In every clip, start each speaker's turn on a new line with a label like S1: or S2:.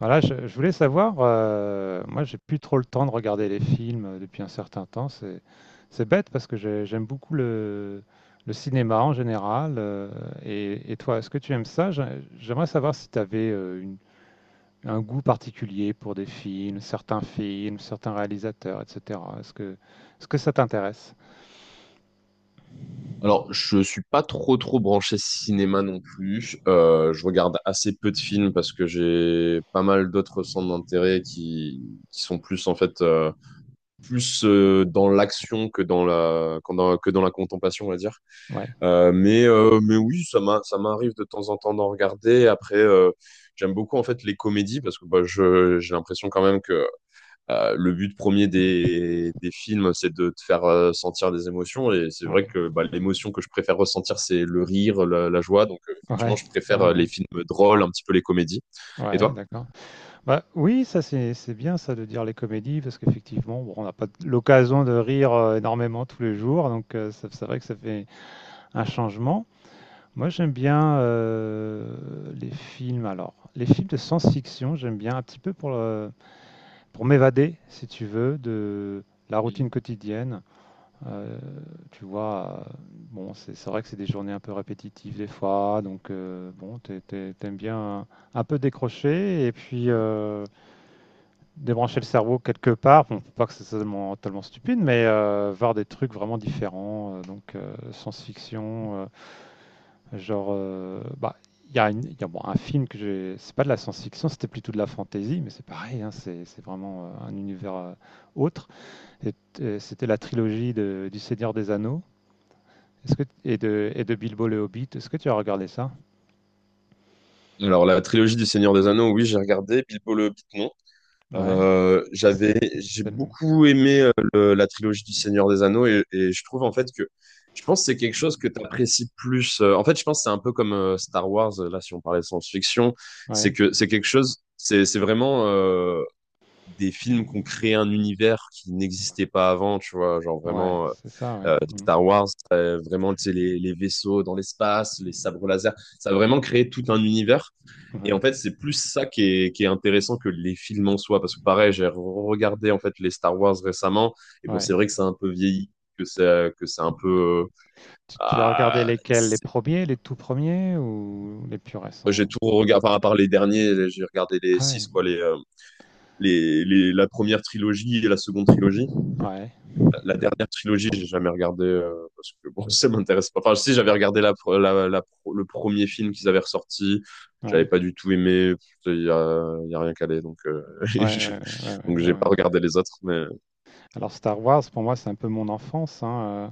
S1: Voilà, je voulais savoir, moi j'ai plus trop le temps de regarder les films depuis un certain temps. C'est bête parce que j'aime beaucoup le cinéma en général. Et toi, est-ce que tu aimes ça? J'aimerais savoir si tu avais un goût particulier pour des films, certains réalisateurs, etc. Est-ce que ça t'intéresse?
S2: Alors, je suis pas trop trop branché cinéma non plus. Je regarde assez peu de films parce que j'ai pas mal d'autres centres d'intérêt qui sont plus en fait plus dans l'action que dans la contemplation, on va dire.
S1: Ouais,
S2: Mais oui, ça m'arrive de temps en temps d'en regarder. Après, j'aime beaucoup en fait les comédies parce que bah, je j'ai l'impression quand même que le but premier des films, c'est de te faire sentir des émotions. Et c'est vrai
S1: ouais,
S2: que bah, l'émotion que je préfère ressentir, c'est le rire, la joie. Donc, effectivement,
S1: ouais,
S2: je préfère les
S1: ouais,
S2: films drôles, un petit peu les comédies.
S1: ouais,
S2: Et
S1: ouais,
S2: toi?
S1: d'accord. Bah, oui, ça c'est bien ça de dire les comédies parce qu'effectivement, bon, on n'a pas l'occasion de rire énormément tous les jours, donc c'est vrai que ça fait un changement. Moi, j'aime bien les films. Alors, les films de science-fiction, j'aime bien un petit peu pour pour m'évader, si tu veux, de la
S2: Mhm.
S1: routine quotidienne. Euh, tu vois, bon, c'est vrai que c'est des journées un peu répétitives des fois, donc bon, t'aimes bien un peu décrocher et puis, débrancher le cerveau quelque part. Bon, faut pas que c'est totalement, totalement stupide, mais voir des trucs vraiment différents. Donc, science-fiction, genre, il il y a, bon, un film que j'ai. C'est pas de la science-fiction, c'était plutôt de la fantasy, mais c'est pareil, hein, c'est vraiment un univers autre. Et- et c'était la trilogie du Seigneur des Anneaux est-ce que, et de Bilbo le Hobbit. Est-ce que tu as regardé ça?
S2: Alors, la trilogie du Seigneur des Anneaux, oui, j'ai regardé. Bilbo le Hobbit, non.
S1: Ouais.
S2: Euh,
S1: Ah, c'est-
S2: j'avais, j'ai
S1: c'est le-
S2: beaucoup aimé la trilogie du Seigneur des Anneaux et je trouve en fait que je pense que c'est quelque chose que tu apprécies plus. En fait, je pense que c'est un peu comme Star Wars, là, si on parlait de science-fiction, c'est
S1: Ouais,
S2: que c'est quelque chose, c'est vraiment des films qu'on crée un univers qui n'existait pas avant, tu vois, genre
S1: ouais,
S2: vraiment
S1: c'est ça, ouais. Mm.
S2: Star Wars, vraiment, tu sais, les vaisseaux dans l'espace, les sabres laser, ça a vraiment créé tout un univers. Et
S1: Ouais,
S2: en fait, c'est plus ça qui est intéressant que les films en soi. Parce que pareil, j'ai regardé en fait les Star Wars récemment. Et bon, c'est
S1: ouais.
S2: vrai que c'est un peu vieilli, que c'est un peu.
S1: Tu as regardé
S2: Ah,
S1: lesquels? Les
S2: c'est-
S1: premiers, les tout premiers ou les plus
S2: j'ai
S1: récents?
S2: tout regardé, enfin, à part les derniers, j'ai regardé les
S1: Ah ouais.
S2: six, quoi, la première trilogie et la seconde trilogie.
S1: Ouais.
S2: La dernière trilogie, j'ai jamais regardé parce que bon, ça m'intéresse pas. Enfin, si j'avais regardé la, pre- la pro- le premier film qu'ils avaient ressorti, j'avais
S1: Ouais.
S2: pas du tout aimé. Il y a rien calé, donc
S1: Ouais,
S2: je-
S1: ouais, ouais, ouais, ouais,
S2: donc j'ai
S1: ouais,
S2: pas
S1: ouais.
S2: regardé les autres, mais
S1: Alors Star Wars, pour moi, c'est un peu mon enfance, hein, euh,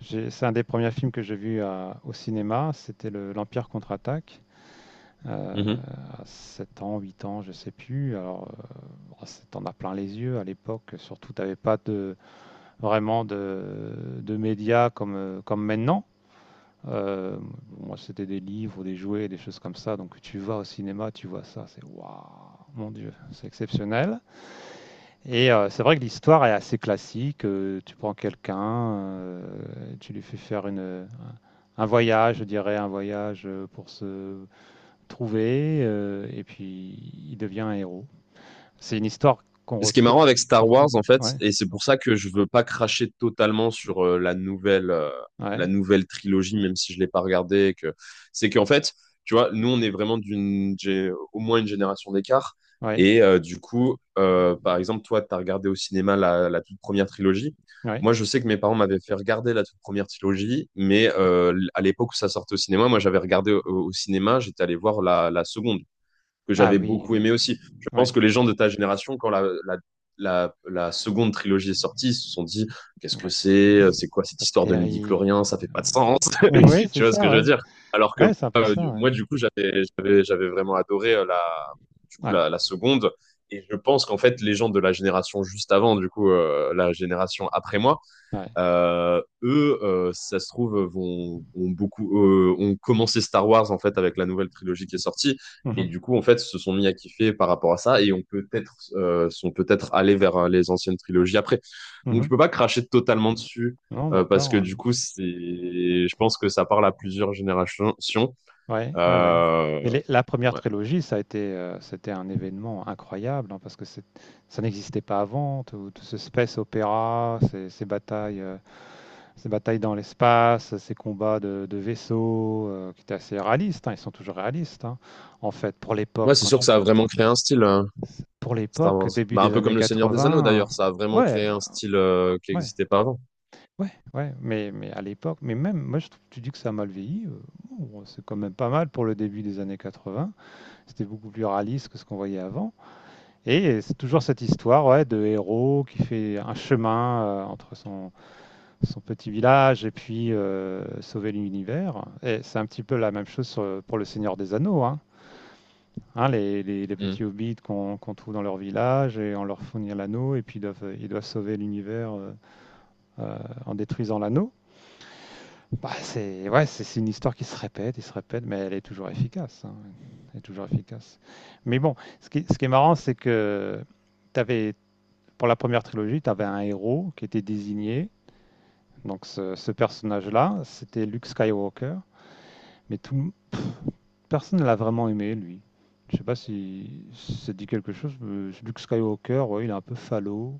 S1: j'ai- c'est un des premiers films que j'ai vu au cinéma. C'était l'Empire contre-attaque. euh,
S2: Mhm.
S1: à 7 ans, 8 ans, je sais plus. Alors, bon, t'en as plein les yeux à l'époque. Surtout, t'avais pas vraiment de médias comme, comme maintenant. Euh, moi, c'était des livres, des jouets, des choses comme ça. Donc, tu vas au cinéma, tu vois ça, c'est waouh, mon Dieu, c'est exceptionnel. Et c'est vrai que l'histoire est assez classique. Tu prends quelqu'un, tu lui fais faire un voyage, je dirais, un voyage pour se trouver, et puis il devient un héros. C'est une histoire qu'on
S2: Ce qui est
S1: retrouve
S2: marrant avec Star
S1: dans.
S2: Wars, en fait,
S1: Ouais,
S2: et c'est pour ça que je veux pas cracher totalement sur euh, la nouvelle, euh,
S1: ouais,
S2: la nouvelle trilogie, même si je l'ai pas regardée, et que c'est qu'en fait, tu vois, nous, on est vraiment au moins une génération d'écart.
S1: ouais,
S2: Et du coup, par exemple, toi, tu as regardé au cinéma la toute première trilogie.
S1: ouais.
S2: Moi, je sais que mes parents m'avaient fait regarder la toute première trilogie, mais à l'époque où ça sortait au cinéma, moi, j'avais regardé au cinéma, j'étais allé voir la seconde que
S1: Ah
S2: j'avais
S1: oui,
S2: beaucoup
S1: oui,
S2: aimé aussi. Je
S1: oui.
S2: pense que les gens de ta génération, quand la seconde trilogie est sortie, ils se sont dit qu'est-ce que
S1: Ouais,
S2: c'est, euh,
S1: c'est
S2: c'est quoi cette
S1: pas
S2: histoire de midi chlorien, ça fait
S1: terrible.
S2: pas de sens.
S1: Ouais. Oui, c'est
S2: Tu vois ce
S1: ça,
S2: que je veux
S1: ouais.
S2: dire. Alors que
S1: Ouais, ouais, c'est un peu
S2: moi,
S1: ça, ouais.
S2: moi, du coup, j'avais vraiment adoré du coup,
S1: Ouais,
S2: la seconde. Et je pense qu'en fait, les gens de la génération juste avant, du coup, la génération après moi,
S1: ouais.
S2: eux, si ça se trouve, ont commencé Star Wars en fait avec la nouvelle trilogie qui est sortie, et
S1: Mhm,
S2: du coup en fait se sont mis à kiffer par rapport à ça, et ont peut-être sont peut-être allés vers les anciennes trilogies après. Donc
S1: mhm.
S2: je peux pas cracher totalement dessus
S1: Non,
S2: parce que
S1: d'accord.
S2: du coup je pense que ça parle à plusieurs générations.
S1: Ouais, ouais, ouais, ouais. Mais
S2: Euh,
S1: la première
S2: ouais,
S1: trilogie, ça a été, c'était un événement incroyable, hein, parce que ça n'existait pas avant. Tout, tout ce space opéra, ces batailles dans l'espace, ces combats de vaisseaux, qui étaient assez réalistes. Hein, ils sont toujours réalistes, hein, en fait, pour l'époque.
S2: ouais, c'est
S1: Quand
S2: sûr que
S1: tu
S2: ça a vraiment créé un style
S1: C pour
S2: Star
S1: l'époque,
S2: Wars.
S1: début
S2: Bah un
S1: des
S2: peu comme
S1: années
S2: le Seigneur des Anneaux
S1: 80,
S2: d'ailleurs, ça a vraiment
S1: ouais,
S2: créé un style qui
S1: ouais,
S2: n'existait pas avant.
S1: ouais, ouais, mais à l'époque mais même moi je trouve tu dis que ça a mal vieilli, non, c'est quand même pas mal pour le début des années 80. C'était beaucoup plus réaliste que ce qu'on voyait avant et c'est toujours cette histoire, ouais, de héros qui fait un chemin, entre son petit village et puis sauver l'univers et c'est un petit peu la même chose sur, pour Le Seigneur des Anneaux, hein. Hein, les petits hobbits qu'on trouve dans leur village et on leur fournit l'anneau et puis ils ils doivent sauver l'univers euh, en détruisant l'anneau. Bah, c'est ouais, c'est une histoire qui se répète et se répète, mais elle est toujours efficace. Hein. Elle est toujours efficace. Mais bon, ce qui est marrant, c'est que t'avais, pour la première trilogie, tu avais un héros qui était désigné. Donc ce personnage-là, c'était Luke Skywalker. Mais tout, Personne ne l'a vraiment aimé, lui. Je sais pas si ça te dit quelque chose. Luke Skywalker, ouais, il est un peu falot,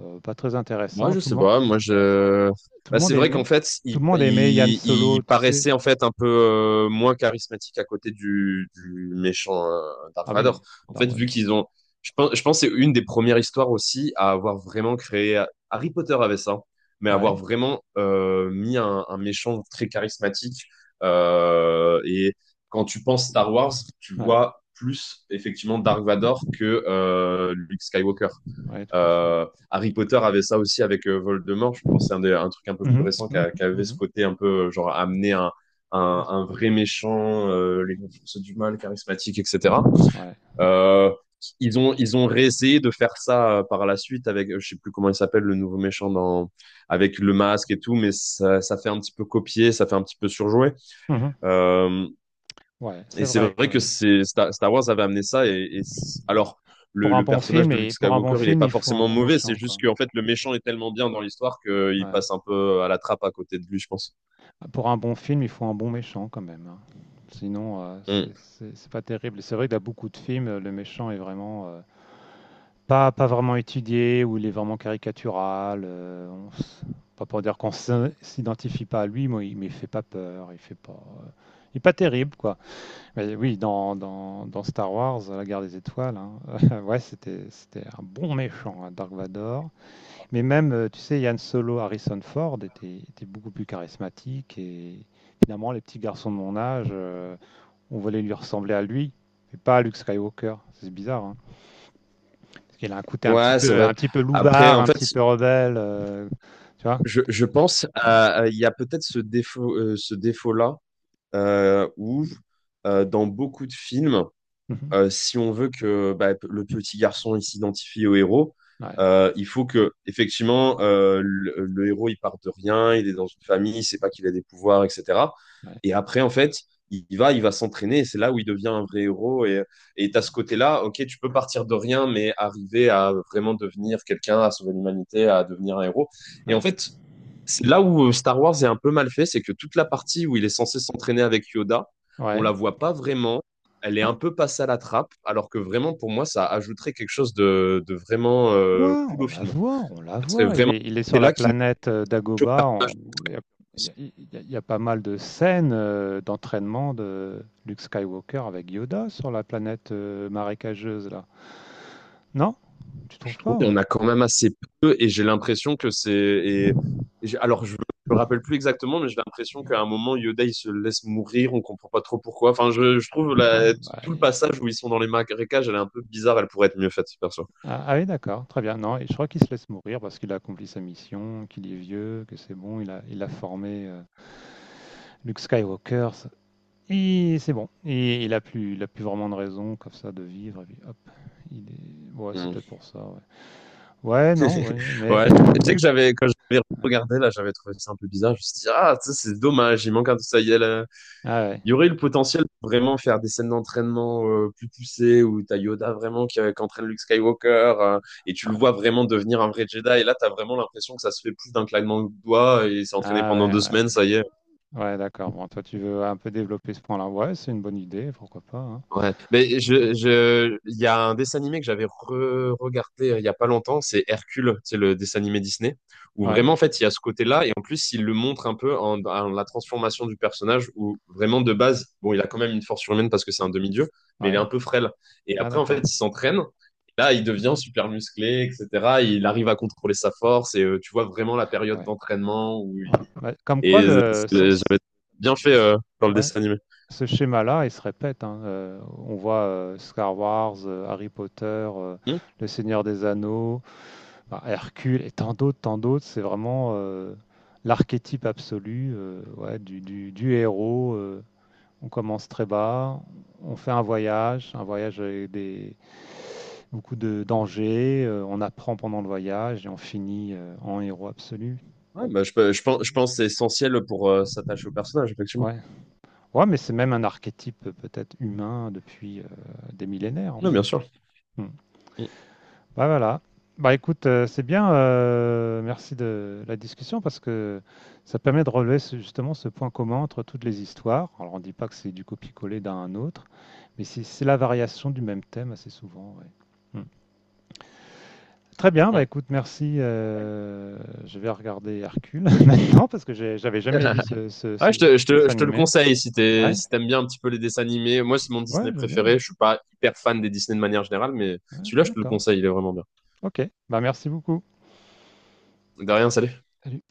S1: pas très
S2: Moi,
S1: intéressant.
S2: je sais pas. Moi, je.
S1: Tout le
S2: Bah,
S1: monde
S2: c'est vrai
S1: aimait,
S2: qu'en fait,
S1: tout le
S2: il,
S1: monde aimait Yann
S2: il,
S1: Solo,
S2: il
S1: tu sais.
S2: paraissait en fait un peu moins charismatique à côté du méchant Dark
S1: Ah oui,
S2: Vador. En fait,
S1: Darwin.
S2: vu qu'ils ont, je pense que c'est une des premières histoires aussi à avoir vraiment créé. Harry Potter avait ça, mais avoir
S1: Ouais,
S2: vraiment mis un méchant très charismatique. Et quand tu penses Star Wars, tu
S1: ouais,
S2: vois plus effectivement Dark Vador que Luke Skywalker.
S1: ouais, tout à fait, ouais.
S2: Harry Potter avait ça aussi avec Voldemort. Je pense que c'est un truc un peu plus
S1: Mhm,
S2: récent qui, a-
S1: mhm,
S2: qui avait ce
S1: mhm.
S2: côté un peu genre amener un,
S1: Oui, c'est
S2: un vrai
S1: intéressant.
S2: méchant, les forces du mal, charismatique, etc.
S1: Ouais,
S2: Euh, ils ont réessayé de faire ça par la suite avec je sais plus comment il s'appelle le nouveau méchant dans avec le masque et tout, mais ça fait un petit peu copier, ça fait un petit peu surjouer.
S1: mhm.
S2: Euh,
S1: Ouais, c'est
S2: et c'est
S1: vrai
S2: vrai
S1: quand
S2: que
S1: même.
S2: c'est Star Wars avait amené ça. Alors, le, le personnage de Luke
S1: Pour un bon
S2: Skywalker, il est
S1: film,
S2: pas
S1: il faut un
S2: forcément
S1: bon
S2: mauvais. C'est
S1: méchant, quoi.
S2: juste qu'en fait, le méchant est tellement bien dans l'histoire qu'il
S1: Ouais.
S2: passe un peu à la trappe à côté de lui, je pense.
S1: Pour un bon film, il faut un bon méchant quand même, hein. Sinon,
S2: Mm.
S1: c'est pas terrible. Et c'est vrai que dans beaucoup de films, le méchant est vraiment, pas vraiment étudié ou il est vraiment caricatural, on s pas pour dire qu'on s'identifie pas à lui, mais il fait pas peur, il fait pas, il est pas terrible, quoi. Mais oui, dans Star Wars, la guerre des étoiles, hein, ouais, c'était un bon méchant, hein, Dark Vador. Mais même, tu sais, Yann Solo, Harrison Ford était beaucoup plus charismatique et finalement, les petits garçons de mon âge, on voulait lui ressembler à lui, mais pas à Luke Skywalker. C'est bizarre, hein. Parce qu'il a un côté
S2: Ouais, c'est
S1: un
S2: vrai.
S1: petit peu
S2: Après,
S1: loubard,
S2: en
S1: un
S2: fait,
S1: petit peu rebelle, tu vois?
S2: je, je pense il y a peut-être ce défaut, ce défaut-là où dans beaucoup de films,
S1: Mhm.
S2: si on veut que bah, le petit garçon il s'identifie au héros,
S1: Ouais,
S2: il faut que effectivement le héros il part de rien, il est dans une famille, il sait pas qu'il a des pouvoirs, etc.
S1: ouais,
S2: Et après en fait, il va s'entraîner, et c'est là où il devient un vrai héros. Et t'as ce côté-là, ok, tu peux partir de rien, mais arriver à vraiment devenir quelqu'un, à sauver l'humanité, à devenir un héros. Et en
S1: ouais,
S2: fait, c'est là où Star Wars est un peu mal fait, c'est que toute la partie où il est censé s'entraîner avec Yoda, on
S1: ouais.
S2: la voit pas vraiment elle est un
S1: Ah,
S2: peu passée à la trappe, alors que vraiment, pour moi, ça ajouterait quelque chose de vraiment
S1: quoi?
S2: cool
S1: On
S2: au
S1: la
S2: film.
S1: voit, on la
S2: Ce serait
S1: voit.
S2: vraiment
S1: Il est
S2: ce
S1: sur la
S2: côté-là qui nous
S1: planète
S2: choque,
S1: Dagobah. Il y a, il y a pas mal de scènes d'entraînement de Luke Skywalker avec Yoda sur la planète marécageuse, là. Non? Tu
S2: je
S1: trouves
S2: trouve.
S1: pas?
S2: Il y en
S1: Moi,
S2: a quand même assez peu, et j'ai l'impression que c'est. Alors, je me rappelle plus exactement, mais j'ai l'impression qu'à un moment, Yoda, il se laisse mourir, on comprend pas trop pourquoi. Enfin, je trouve
S1: ouais,
S2: tout le passage où ils sont dans les marécages, elle est un peu bizarre, elle pourrait être mieux faite, perso.
S1: ah, ah oui, d'accord, très bien. Non, et je crois qu'il se laisse mourir parce qu'il a accompli sa mission, qu'il est vieux, que c'est bon, il a formé Luke Skywalker. Et c'est bon. Et il a plus vraiment de raison comme ça de vivre. Et puis hop, il est... Ouais, c'est
S2: Hmm.
S1: peut-être pour ça. Ouais, ouais, non, ouais, mais.
S2: Ouais, je sais que j'avais, quand j'avais
S1: Ouais.
S2: regardé, là, j'avais trouvé ça un peu bizarre. Je me suis dit, ah, ça, c'est dommage, il manque un, ça y est, là,
S1: Ah ouais,
S2: Il y aurait eu le potentiel de vraiment faire des scènes d'entraînement plus poussées où t'as Yoda vraiment qui entraîne Luke Skywalker et tu le
S1: ouais.
S2: vois vraiment devenir un vrai Jedi. Et là, t'as vraiment l'impression que ça se fait plus d'un claquement de doigts et il s'est entraîné
S1: Ah
S2: pendant
S1: ouais,
S2: deux semaines,
S1: ouais.
S2: ça y est.
S1: Ouais, d'accord. Bon, toi, tu veux un peu développer ce point-là. Ouais, c'est une bonne idée, pourquoi pas, hein.
S2: Ouais, mais
S1: Mm.
S2: il y a un dessin animé que j'avais re-regardé il y a pas longtemps, c'est Hercule, c'est le dessin animé Disney, où
S1: Ouais,
S2: vraiment, en fait, il y a ce côté-là, et en plus, il le montre un peu en la transformation du personnage, où vraiment, de base, bon, il a quand même une force surhumaine parce que c'est un demi-dieu, mais il est
S1: ouais.
S2: un peu frêle. Et
S1: Ah
S2: après, en fait,
S1: d'accord.
S2: il s'entraîne, et là, il devient super musclé, etc. Il arrive à contrôler sa force, et tu vois vraiment la période
S1: Ouais.
S2: d'entraînement où il...
S1: Ouais. Bah, comme
S2: Et
S1: quoi, le, ce-
S2: j'avais bien fait
S1: ce-
S2: dans le
S1: ouais,
S2: dessin animé.
S1: ce schéma-là, il se répète, hein. On voit Star Wars, Harry Potter,
S2: Hmm.
S1: Le Seigneur des Anneaux. Bah, Hercule et tant d'autres, c'est vraiment l'archétype absolu ouais, du héros. On commence très bas, on fait un voyage avec beaucoup de dangers, on apprend pendant le voyage et on finit en héros absolu.
S2: Ouais, bah, je pense que c'est essentiel pour s'attacher au personnage, effectivement.
S1: Ouais, ouais, mais c'est même un archétype peut-être humain depuis des millénaires en
S2: Non, bien
S1: fait.
S2: sûr.
S1: Hmm.
S2: Mm,
S1: Bah voilà. Bah écoute, c'est bien. Merci de la discussion parce que ça permet de relever justement ce point commun entre toutes les histoires. Alors on dit pas que c'est du copier-coller d'un à un autre, mais c'est la variation du même thème assez souvent. Ouais. Hmm. Très bien. Bah
S2: mm.
S1: écoute, merci. Je vais regarder Hercule maintenant parce que j'avais jamais vu
S2: Ouais,
S1: ce
S2: je te, je te,
S1: dessin
S2: je te le
S1: animé.
S2: conseille si
S1: Ouais,
S2: si t'aimes bien un petit peu les dessins animés. Moi, c'est mon
S1: ouais,
S2: Disney
S1: j'aime bien.
S2: préféré. Je suis pas hyper fan des Disney de manière générale, mais
S1: Ouais,
S2: celui-là, je te le
S1: d'accord.
S2: conseille, il est vraiment bien.
S1: Ok. Bah merci beaucoup.
S2: De rien, salut.
S1: Salut.